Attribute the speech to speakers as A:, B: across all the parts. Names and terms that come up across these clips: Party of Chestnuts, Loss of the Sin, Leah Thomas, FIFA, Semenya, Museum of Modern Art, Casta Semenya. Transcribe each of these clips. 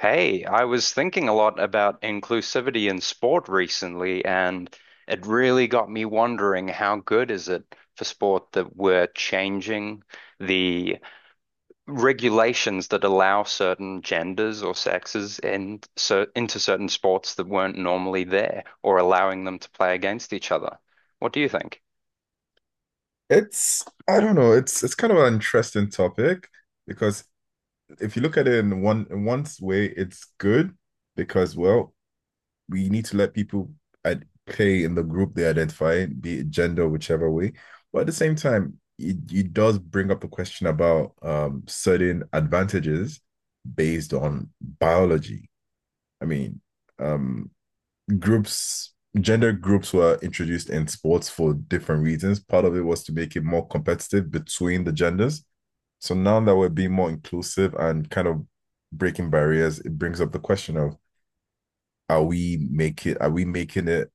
A: Hey, I was thinking a lot about inclusivity in sport recently, and it really got me wondering how good is it for sport that we're changing the regulations that allow certain genders or sexes in, so, into certain sports that weren't normally there or allowing them to play against each other. What do you think?
B: It's I don't know. It's kind of an interesting topic because if you look at it in one way, it's good because we need to let people play in the group they identify, be it gender, whichever way. But at the same time, it does bring up a question about certain advantages based on biology. I mean, um, groups gender groups were introduced in sports for different reasons. Part of it was to make it more competitive between the genders. So now that we're being more inclusive and kind of breaking barriers, it brings up the question of are we making it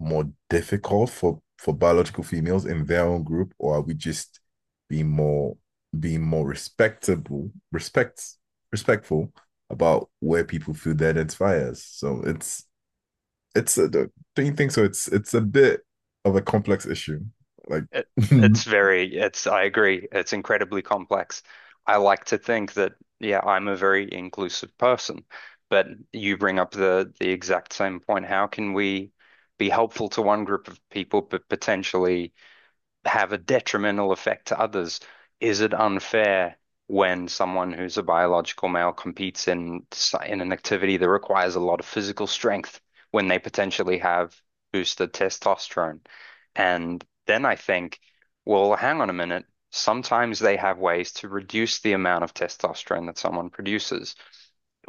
B: more difficult for biological females in their own group, or are we just being more being more respectable respect respectful about where people feel they identify as? So don't you think so? It's a bit of a complex issue. Like,
A: It,
B: yeah,
A: it's very, I agree, it's incredibly complex. I like to think that, yeah, I'm a very inclusive person, but you bring up the exact same point. How can we be helpful to one group of people, but potentially have a detrimental effect to others? Is it unfair when someone who's a biological male competes in an activity that requires a lot of physical strength when they potentially have boosted testosterone? And then I think, well, hang on a minute. Sometimes they have ways to reduce the amount of testosterone that someone produces.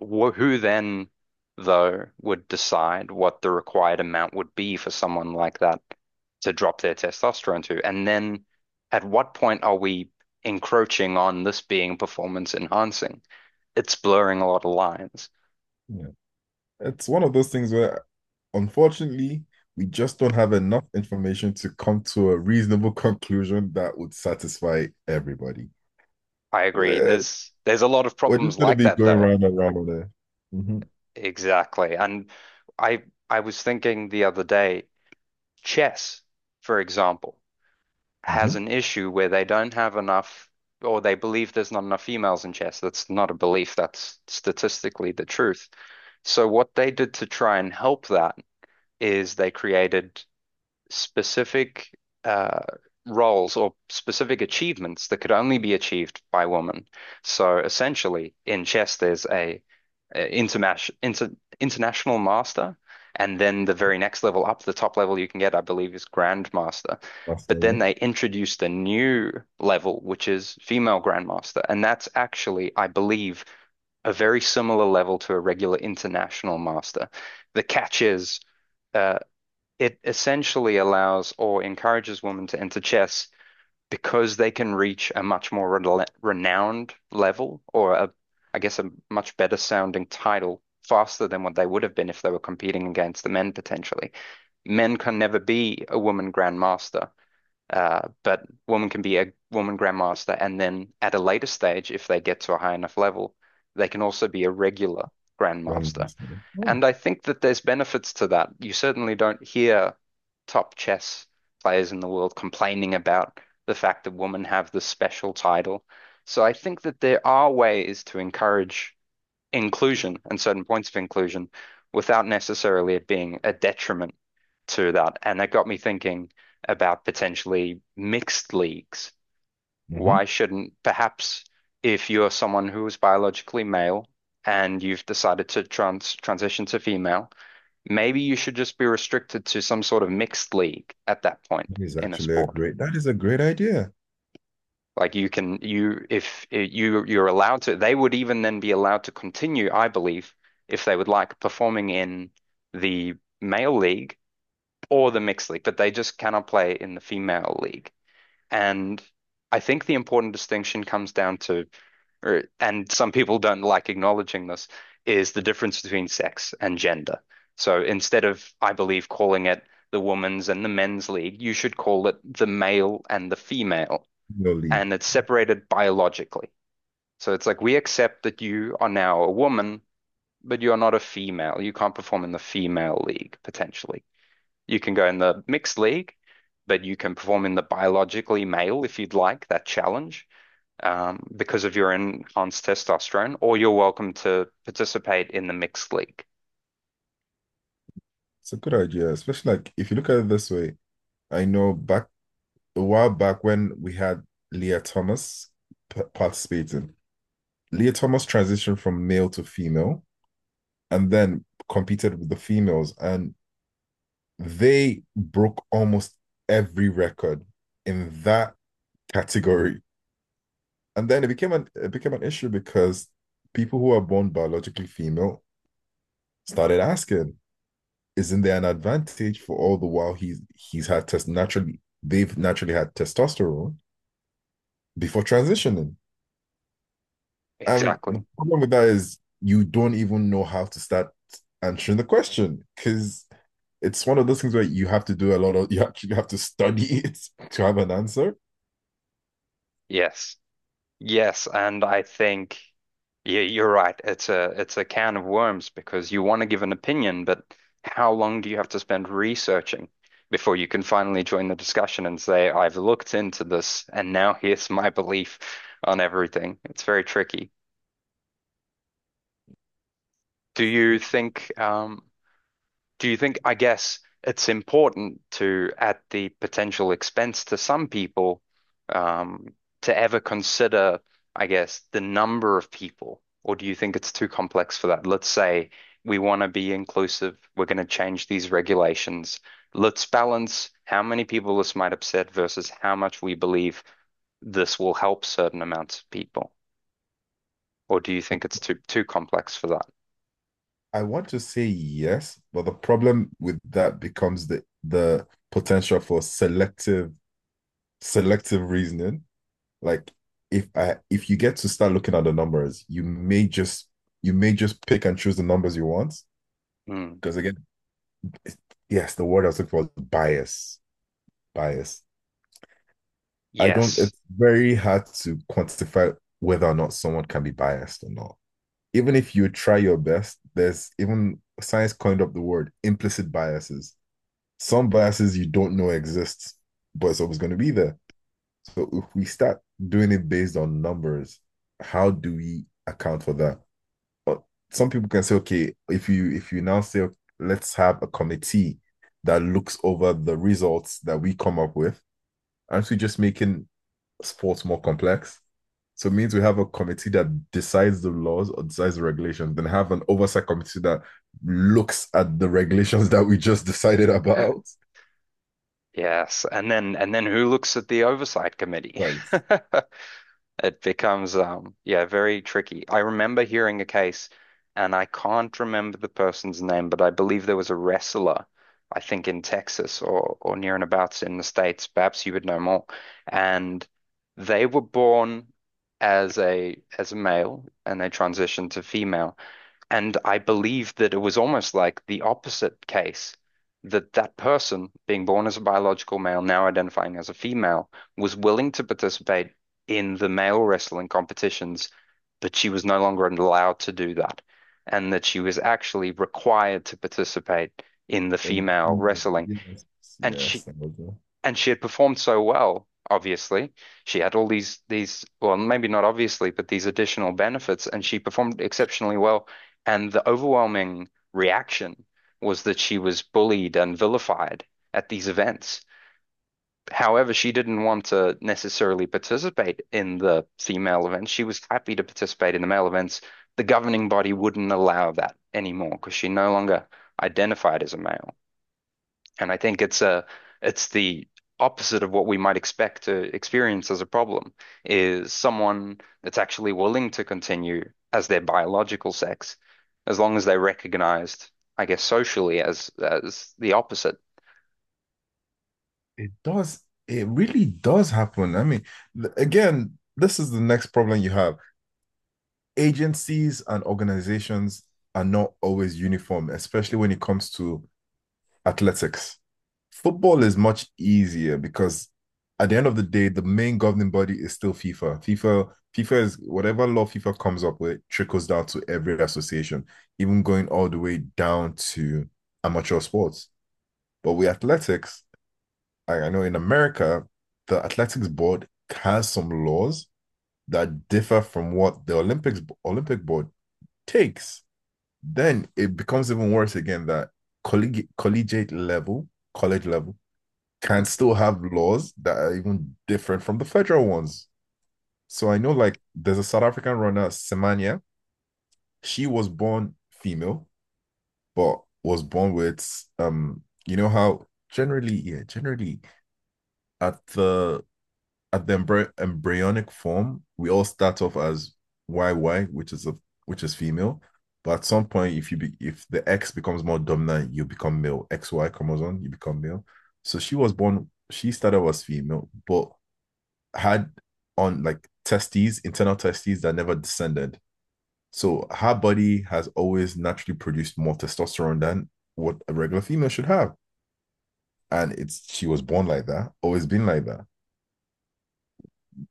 A: Who then, though, would decide what the required amount would be for someone like that to drop their testosterone to? And then at what point are we encroaching on this being performance enhancing? It's blurring a lot of lines.
B: it's one of those things where, unfortunately, we just don't have enough information to come to a reasonable conclusion that would satisfy everybody.
A: I agree.
B: We're
A: There's a lot of
B: we're
A: problems
B: just gonna
A: like
B: be
A: that
B: going
A: though.
B: round and round on there. Mm-hmm.
A: Exactly. And I I was thinking the other day, chess, for example,
B: Mm-hmm.
A: has an issue where they don't have enough or they believe there's not enough females in chess. That's not a belief, that's statistically the truth. So what they did to try and help that is they created specific uh, roles or specific achievements that could only be achieved by women. So essentially, in chess, there's a international master, and then the very next level up, the top level you can get, I believe, is grandmaster.
B: That's the
A: But then
B: way.
A: they introduced a new level, which is female grandmaster, and that's actually, I believe, a very similar level to a regular international master. The catch is, Uh, it essentially allows or encourages women to enter chess because they can reach a much more renowned level or, a, I guess, a much better sounding title faster than what they would have been if they were competing against the men potentially. Men can never be a woman grandmaster, but women can be a woman grandmaster, and then at a later stage, if they get to a high enough level, they can also be a regular
B: Random
A: grandmaster.
B: master. Oh,
A: And I think that there's benefits to that. You certainly don't hear top chess players in the world complaining about the fact that women have this special title. So I think that there are ways to encourage inclusion and certain points of inclusion without necessarily it being a detriment to that. And that got me thinking about potentially mixed leagues.
B: mm-hmm.
A: Why shouldn't perhaps, if you're someone who is biologically male and you've decided to transition to female, maybe you should just be restricted to some sort of mixed league at that point
B: That is
A: in a
B: actually a
A: sport.
B: great. That is a great idea.
A: Like, you can, you, if you you're allowed to, they would even then be allowed to continue, I believe, if they would like, performing in the male league or the mixed league, but they just cannot play in the female league. And I think the important distinction comes down to, or, and some people don't like acknowledging this, is the difference between sex and gender. So instead of, I believe, calling it the women's and the men's league, you should call it the male and the female.
B: No, Lee.
A: And it's separated biologically. So it's like we accept that you are now a woman, but you are not a female. You can't perform in the female league, potentially. You can go in the mixed league, but you can perform in the biologically male if you'd like that challenge, because of your enhanced testosterone, or you're welcome to participate in the mixed league.
B: It's a good idea, especially like if you look at it this way. I know back a while back when we had Leah Thomas participating. Leah Thomas transitioned from male to female and then competed with the females, and they broke almost every record in that category. And then it became an issue because people who are born biologically female started asking, isn't there an advantage for all the while he's had test naturally they've naturally had testosterone before transitioning? And the
A: Exactly.
B: problem with that is you don't even know how to start answering the question because it's one of those things where you have to do a lot of you actually have to study it to have an answer.
A: Yes. Yes, and I think, yeah, you're right. It's a can of worms because you want to give an opinion, but how long do you have to spend researching before you can finally join the discussion and say, I've looked into this and now here's my belief on everything? It's very tricky. Do you think um Do you think, I guess it's important to, at the potential expense to some people, um, to ever consider, I guess, the number of people? Or do you think it's too complex for that? Let's say we want to be inclusive, we're going to change these regulations. Let's balance how many people this might upset versus how much we believe this will help certain amounts of people. Or do you think it's too complex for that?
B: I want to say yes, but the problem with that becomes the potential for selective reasoning. Like if you get to start looking at the numbers, you may just pick and choose the numbers you want.
A: Mm,
B: Because again, yes, the word I was looking for was bias. Bias. I don't,
A: yes.
B: it's very hard to quantify whether or not someone can be biased or not. Even if you try your best, there's even science coined up the word implicit biases. Some biases you don't know exist, but it's always going to be there. So if we start doing it based on numbers, how do we account for that? But some people can say, okay, if you now say okay, let's have a committee that looks over the results that we come up with, aren't we just making sports more complex. So it means we have a committee that decides the laws or decides the regulations, then have an oversight committee that looks at the regulations that we just decided about.
A: Yes, and then who looks at the oversight committee?
B: Right.
A: It becomes yeah, very tricky. I remember hearing a case and I can't remember the person's name, but I believe there was a wrestler, I think in Texas or near and abouts in the States, perhaps you would know more. And they were born as a male and they transitioned to female. And I believe that it was almost like the opposite case that that person, being born as a biological male, now identifying as a female, was willing to participate in the male wrestling competitions, but she was no longer allowed to do that. And that she was actually required to participate in the
B: And
A: female wrestling.
B: yes,
A: And she,
B: yes,
A: and she had performed so well, obviously. She had all these well, maybe not obviously, but these additional benefits, and she performed exceptionally well. And the overwhelming reaction was that she was bullied and vilified at these events. However, she didn't want to necessarily participate in the female events. She was happy to participate in the male events. The governing body wouldn't allow that anymore because she no longer identified as a male. And I think it's the opposite of what we might expect to experience as a problem is someone that's actually willing to continue as their biological sex, as long as they're recognized, I guess, socially as the opposite.
B: it does. It really does happen. I mean, again, this is the next problem you have. Agencies and organizations are not always uniform, especially when it comes to athletics. Football is much easier because at the end of the day, the main governing body is still FIFA. FIFA is whatever law FIFA comes up with trickles down to every association, even going all the way down to amateur sports. But with athletics, I, know in America, the athletics board has some laws that differ from what the Olympic board takes. Then it becomes even worse again that collegiate level, college level,
A: Mhm.
B: can still have laws that are even different from the federal ones. So I know like there's a South African runner, Semenya. She was born female, but was born with you know how generally, yeah, generally at the at the embryonic form, we all start off as YY, which is a which is female. But at some point, if you be, if the X becomes more dominant, you become male. XY chromosome, you become male. So she started as female, but had on like testes, internal testes that never descended. So her body has always naturally produced more testosterone than what a regular female should have. And it's she was born like that, always been like that.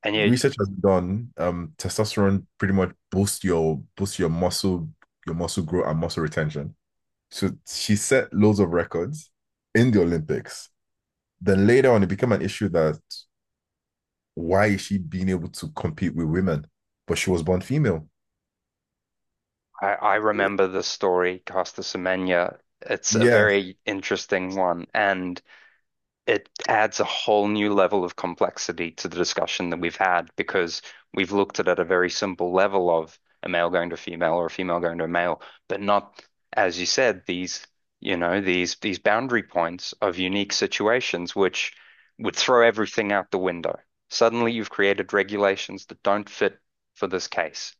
A: And you,
B: Research has been done. Testosterone pretty much boosts your muscle growth and muscle retention. So she set loads of records in the Olympics. Then later on, it became an issue that why is she being able to compete with women? But she was born female.
A: I remember the story, Casta Semenya. It's a
B: Yeah.
A: very interesting one, and it adds a whole new level of complexity to the discussion that we've had because we've looked at it at a very simple level of a male going to a female or a female going to a male, but not, as you said, these, you know, these boundary points of unique situations which would throw everything out the window. Suddenly you've created regulations that don't fit for this case,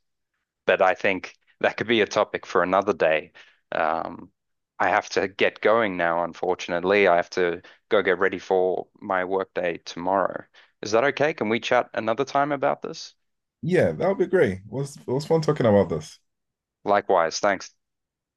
A: but I think that could be a topic for another day. Um, I have to get going now, unfortunately. I have to go get ready for my workday tomorrow. Is that okay? Can we chat another time about this?
B: Yeah, that would be great. It was fun talking about this.
A: Likewise, thanks.